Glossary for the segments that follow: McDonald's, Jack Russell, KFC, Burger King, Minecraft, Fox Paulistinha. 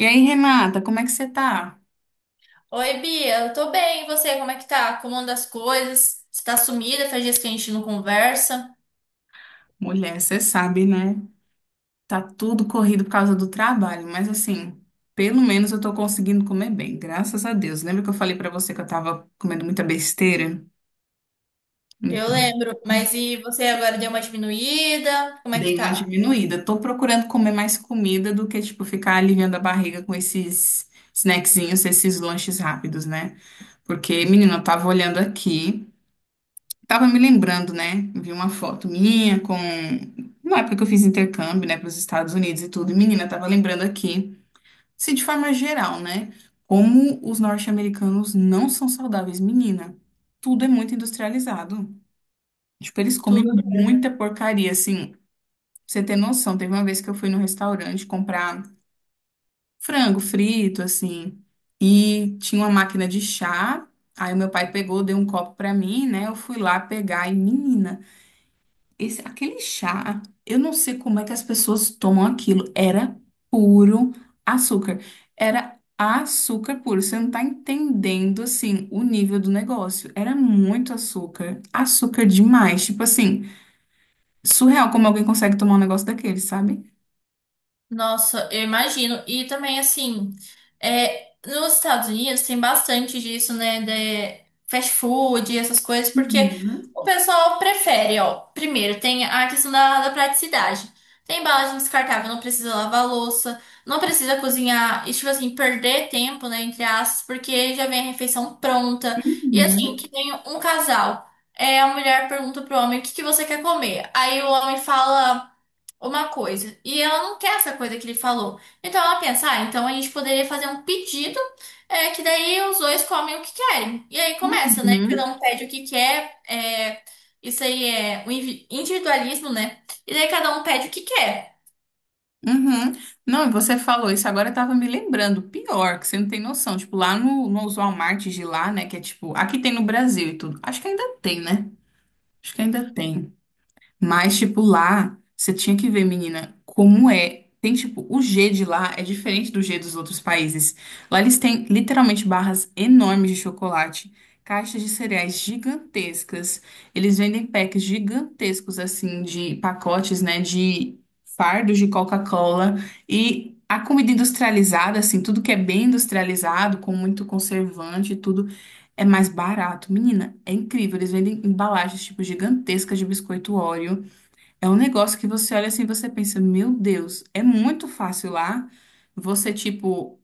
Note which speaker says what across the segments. Speaker 1: E aí, Renata, como é que você tá?
Speaker 2: Oi, Bia, eu tô bem. E você, como é que tá? Como anda as coisas? Você tá sumida, faz dias que a gente não conversa.
Speaker 1: Mulher, você sabe, né? Tá tudo corrido por causa do trabalho, mas assim, pelo menos eu tô conseguindo comer bem, graças a Deus. Lembra que eu falei pra você que eu tava comendo muita besteira?
Speaker 2: Eu
Speaker 1: Então,
Speaker 2: lembro, mas e você agora deu uma diminuída? Como é que
Speaker 1: dei uma
Speaker 2: tá?
Speaker 1: diminuída. Tô procurando comer mais comida do que, tipo, ficar aliviando a barriga com esses snackzinhos, esses lanches rápidos, né? Porque, menina, eu tava olhando aqui. Tava me lembrando, né? Vi uma foto minha com. Na época que eu fiz intercâmbio, né, para os Estados Unidos e tudo. E, menina, tava lembrando aqui, se de forma geral, né? Como os norte-americanos não são saudáveis, menina. Tudo é muito industrializado. Tipo, eles comem
Speaker 2: Tudo.
Speaker 1: muita porcaria, assim. Pra você ter noção, teve uma vez que eu fui no restaurante comprar frango frito, assim. E tinha uma máquina de chá. Aí meu pai pegou, deu um copo pra mim, né? Eu fui lá pegar e, menina. Esse, aquele chá, eu não sei como é que as pessoas tomam aquilo. Era puro açúcar. Era açúcar puro. Você não tá entendendo, assim, o nível do negócio. Era muito açúcar. Açúcar demais. Tipo assim, surreal como alguém consegue tomar um negócio daquele, sabe?
Speaker 2: Nossa, eu imagino. E também, assim, é, nos Estados Unidos tem bastante disso, né? De fast food e essas coisas, porque
Speaker 1: Uhum,
Speaker 2: o pessoal prefere, ó. Primeiro, tem a questão da praticidade. Tem embalagem descartável, não precisa lavar louça, não precisa cozinhar, e, tipo assim, perder tempo, né? Entre aspas, porque já vem a refeição pronta. E assim,
Speaker 1: uhum,
Speaker 2: que tem um casal. É, a mulher pergunta pro homem o que que você quer comer. Aí o homem fala uma coisa e ela não quer essa coisa que ele falou. Então ela pensa, ah, então a gente poderia fazer um pedido, é, que daí os dois comem o que querem. E aí começa, né? Cada
Speaker 1: uhum,
Speaker 2: um pede o que quer, é, isso aí é o individualismo, né? E daí cada um pede o que quer.
Speaker 1: uhum. Não, e você falou isso, agora eu tava me lembrando. Pior, que você não tem noção. Tipo, lá no, nos Walmart de lá, né? Que é tipo, aqui tem no Brasil e tudo. Acho que ainda tem, né? Acho que ainda tem. Mas, tipo, lá, você tinha que ver, menina, como é. Tem, tipo, o G de lá é diferente do G dos outros países. Lá eles têm literalmente barras enormes de chocolate, caixas de cereais gigantescas. Eles vendem packs gigantescos, assim, de pacotes, né, de fardos de Coca-Cola. E a comida industrializada, assim, tudo que é bem industrializado, com muito conservante e tudo. É mais barato. Menina, é incrível. Eles vendem embalagens, tipo, gigantescas de biscoito Oreo. É um negócio que você olha assim e você pensa, meu Deus, é muito fácil lá você, tipo,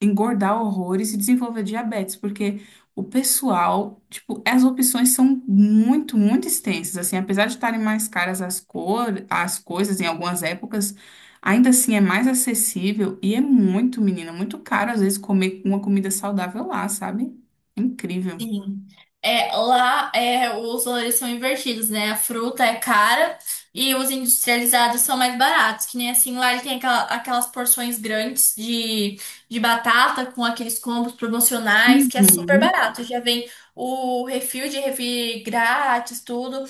Speaker 1: engordar horrores e desenvolver diabetes, porque o pessoal, tipo, as opções são muito, muito extensas. Assim, apesar de estarem mais caras as coisas em algumas épocas, ainda assim é mais acessível e é muito, menina, muito caro às vezes comer uma comida saudável lá, sabe? Incrível.
Speaker 2: Sim. É, lá é, os valores são invertidos, né? A fruta é cara e os industrializados são mais baratos. Que nem assim, lá ele tem aquelas porções grandes de batata com aqueles combos promocionais, que é super
Speaker 1: Uhum,
Speaker 2: barato. Já vem o refil de refri grátis, tudo.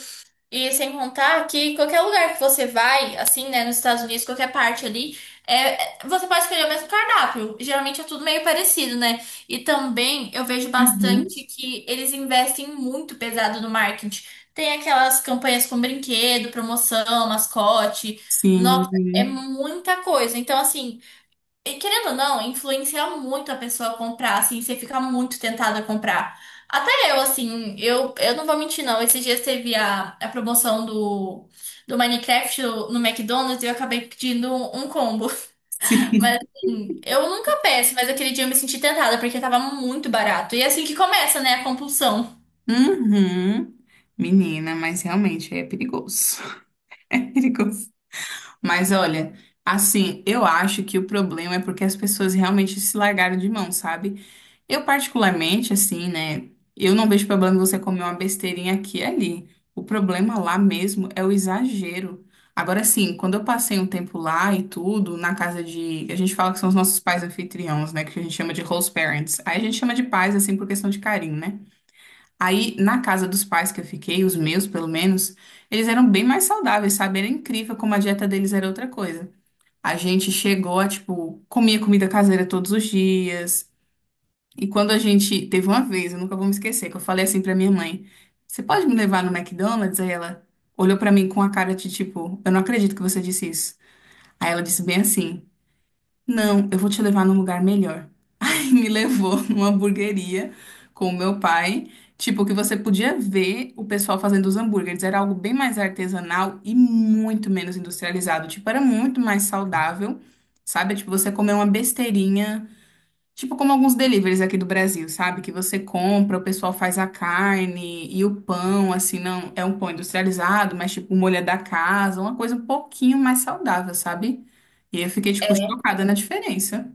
Speaker 2: E sem contar que qualquer lugar que você vai, assim, né, nos Estados Unidos, qualquer parte ali, é, você pode escolher o mesmo cardápio. Geralmente é tudo meio parecido, né? E também eu vejo
Speaker 1: uhum.
Speaker 2: bastante que eles investem muito pesado no marketing. Tem aquelas campanhas com brinquedo, promoção, mascote. Nossa, é
Speaker 1: Sim,
Speaker 2: muita coisa. Então, assim. E querendo ou não, influencia muito a pessoa a comprar, assim, você fica muito tentada a comprar. Até eu, assim, eu não vou mentir, não. Esses dias teve a promoção do Minecraft no McDonald's e eu acabei pedindo um combo.
Speaker 1: sim.
Speaker 2: Mas, assim, eu nunca peço, mas aquele dia eu me senti tentada porque tava muito barato. E é assim que começa, né, a compulsão.
Speaker 1: Uhum. Menina, mas realmente é perigoso. É perigoso. Mas olha, assim, eu acho que o problema é porque as pessoas realmente se largaram de mão, sabe? Eu particularmente, assim, né? Eu não vejo problema em você comer uma besteirinha aqui e ali. O problema lá mesmo é o exagero. Agora, assim, quando eu passei um tempo lá e tudo, na casa de. A gente fala que são os nossos pais anfitriões, né? Que a gente chama de host parents. Aí a gente chama de pais, assim, por questão de carinho, né? Aí, na casa dos pais que eu fiquei, os meus pelo menos, eles eram bem mais saudáveis, sabe? Era incrível como a dieta deles era outra coisa. A gente chegou a, tipo, comia comida caseira todos os dias. E quando a gente teve uma vez, eu nunca vou me esquecer, que eu falei assim pra minha mãe: Você pode me levar no McDonald's? Aí ela olhou pra mim com a cara de tipo: Eu não acredito que você disse isso. Aí ela disse bem assim: Não, eu vou te levar num lugar melhor. E me levou numa hamburgueria com o meu pai. Tipo, que você podia ver o pessoal fazendo os hambúrgueres. Era algo bem mais artesanal e muito menos industrializado. Tipo, era muito mais saudável, sabe? Tipo, você comer uma besteirinha. Tipo como alguns deliveries aqui do Brasil, sabe? Que você compra, o pessoal faz a carne e o pão, assim, não é um pão industrializado, mas tipo o molho é da casa, uma coisa um pouquinho mais saudável, sabe? E eu fiquei, tipo, chocada na diferença.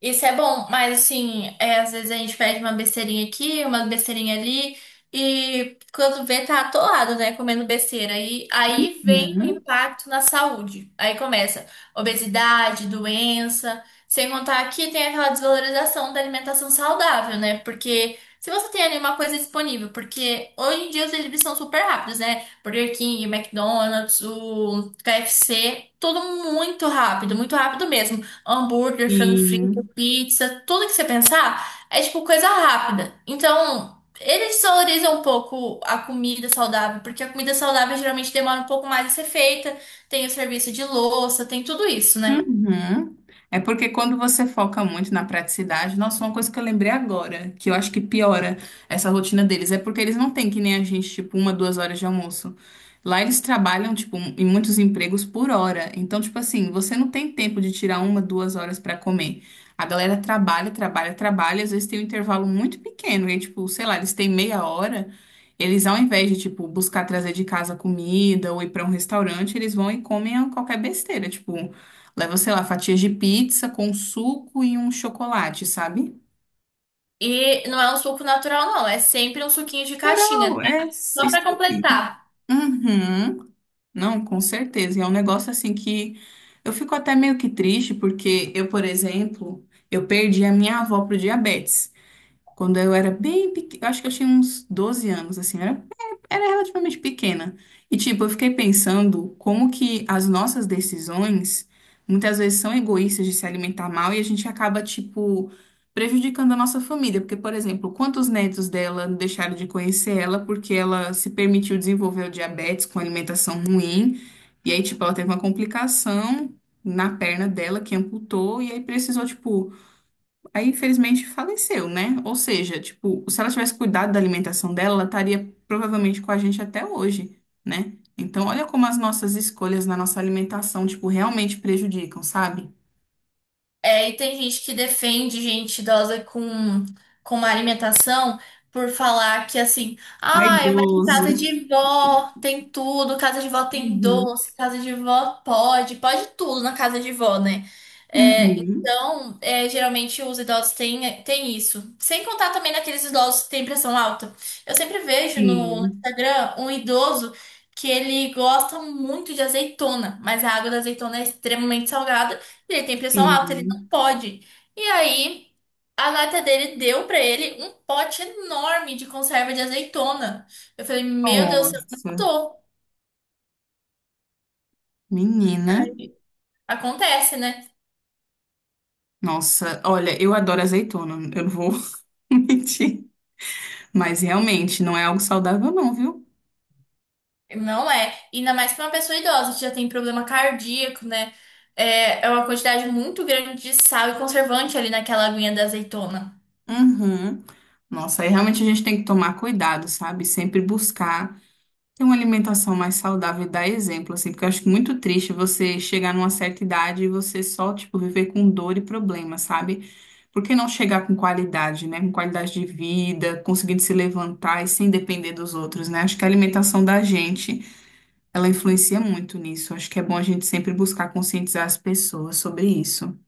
Speaker 2: Isso é bom, mas assim, é, às vezes a gente pede uma besteirinha aqui, uma besteirinha ali, e quando vê, tá atolado, né? Comendo besteira. E aí vem o impacto na saúde. Aí começa obesidade, doença. Sem contar que tem aquela desvalorização da alimentação saudável, né? Porque se você tem ali uma coisa disponível, porque hoje em dia os deliveries são super rápidos, né? Burger King, McDonald's, o KFC, tudo muito rápido mesmo hambúrguer, frango frito
Speaker 1: Uhum.
Speaker 2: pizza, tudo que você pensar é tipo coisa rápida. Então, eles desvalorizam um pouco a comida saudável, porque a comida saudável geralmente demora um pouco mais a ser feita, tem o serviço de louça, tem tudo isso, né?
Speaker 1: Uhum. É porque quando você foca muito na praticidade, nossa, uma coisa que eu lembrei agora, que eu acho que piora essa rotina deles, é porque eles não têm que nem a gente, tipo, uma, duas horas de almoço. Lá eles trabalham, tipo, em muitos empregos por hora. Então, tipo assim, você não tem tempo de tirar uma, duas horas pra comer. A galera trabalha, trabalha, trabalha, às vezes tem um intervalo muito pequeno, e tipo, sei lá, eles têm meia hora. Eles, ao invés de, tipo, buscar trazer de casa comida ou ir pra um restaurante, eles vão e comem qualquer besteira, tipo. Leva, sei lá, fatias de pizza com suco e um chocolate, sabe?
Speaker 2: E não é um suco natural, não, é sempre um suquinho de caixinha,
Speaker 1: Plural,
Speaker 2: tá?
Speaker 1: é isso
Speaker 2: Só pra
Speaker 1: aí.
Speaker 2: completar.
Speaker 1: Uhum. Não, com certeza. E é um negócio assim que eu fico até meio que triste, porque eu, por exemplo, eu perdi a minha avó pro diabetes. Quando eu era bem pequena, acho que eu tinha uns 12 anos, assim, eu era relativamente pequena. E, tipo, eu fiquei pensando como que as nossas decisões muitas vezes são egoístas de se alimentar mal e a gente acaba, tipo, prejudicando a nossa família. Porque, por exemplo, quantos netos dela deixaram de conhecer ela porque ela se permitiu desenvolver o diabetes com alimentação ruim? E aí, tipo, ela teve uma complicação na perna dela que amputou e aí precisou, tipo Aí, infelizmente, faleceu, né? Ou seja, tipo, se ela tivesse cuidado da alimentação dela, ela estaria provavelmente com a gente até hoje, né? Então, olha como as nossas escolhas na nossa alimentação, tipo, realmente prejudicam, sabe?
Speaker 2: É, e tem gente que defende gente idosa com uma alimentação por falar que assim, ai, mas em
Speaker 1: Vaidoso.
Speaker 2: casa de vó tem tudo, casa de vó tem
Speaker 1: Uhum.
Speaker 2: doce, casa de vó pode, pode tudo na casa de vó, né? É,
Speaker 1: Uhum.
Speaker 2: então, é, geralmente os idosos têm, têm isso. Sem contar também naqueles idosos que têm pressão alta. Eu sempre vejo no
Speaker 1: Sim,
Speaker 2: Instagram um idoso que ele gosta muito de azeitona, mas a água da azeitona é extremamente salgada. Ele tem pressão alta.
Speaker 1: sim.
Speaker 2: Pode. E aí, a nata dele deu pra ele um pote enorme de conserva de azeitona. Eu falei, meu Deus, eu não
Speaker 1: Nossa,
Speaker 2: tô.
Speaker 1: menina.
Speaker 2: Acontece, né?
Speaker 1: Nossa, olha, eu adoro azeitona, eu não vou mentir. Mas realmente, não é algo saudável, não, viu?
Speaker 2: Não é. Ainda mais pra uma pessoa idosa que já tem problema cardíaco, né? É, é uma quantidade muito grande de sal e conservante ali naquela aguinha da azeitona.
Speaker 1: Uhum. Nossa, aí realmente a gente tem que tomar cuidado, sabe? Sempre buscar ter uma alimentação mais saudável e dar exemplo, assim, porque eu acho muito triste você chegar numa certa idade e você só, tipo, viver com dor e problema, sabe? Por que não chegar com qualidade, né? Com qualidade de vida, conseguindo se levantar e sem depender dos outros, né? Acho que a alimentação da gente, ela influencia muito nisso. Acho que é bom a gente sempre buscar conscientizar as pessoas sobre isso.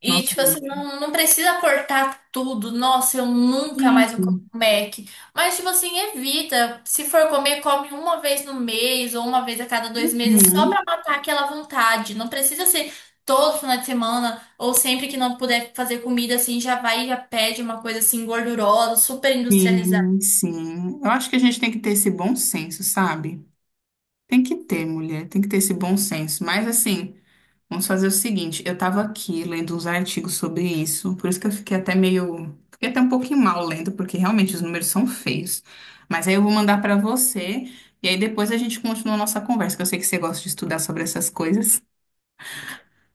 Speaker 2: E,
Speaker 1: Nossa.
Speaker 2: tipo assim, não, não precisa cortar tudo. Nossa, eu nunca
Speaker 1: Sim.
Speaker 2: mais vou comer um Mac. Mas, tipo assim, evita. Se for comer, come uma vez no mês ou uma vez a cada dois meses, só
Speaker 1: Uhum.
Speaker 2: pra matar aquela vontade. Não precisa ser todo final de semana ou sempre que não puder fazer comida, assim, já vai e já pede uma coisa assim gordurosa, super industrializada.
Speaker 1: Sim, sim. Eu acho que a gente tem que ter esse bom senso, sabe? Tem que ter, mulher, tem que ter esse bom senso. Mas assim, vamos fazer o seguinte, eu tava aqui lendo uns artigos sobre isso, por isso que eu fiquei até um pouquinho mal lendo, porque realmente os números são feios. Mas aí eu vou mandar pra você e aí depois a gente continua a nossa conversa, que eu sei que você gosta de estudar sobre essas coisas.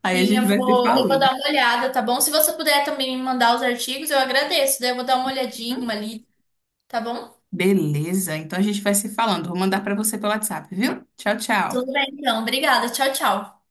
Speaker 1: Aí a
Speaker 2: Sim, eu
Speaker 1: gente vai se
Speaker 2: vou, eu vou
Speaker 1: falando.
Speaker 2: dar uma olhada, tá bom? Se você puder também me mandar os artigos, eu agradeço. Daí eu vou dar uma olhadinha ali, tá bom?
Speaker 1: Beleza? Então a gente vai se falando. Vou mandar pra você pelo WhatsApp, viu? Tchau, tchau.
Speaker 2: Tudo bem, então. Obrigada. Tchau, tchau.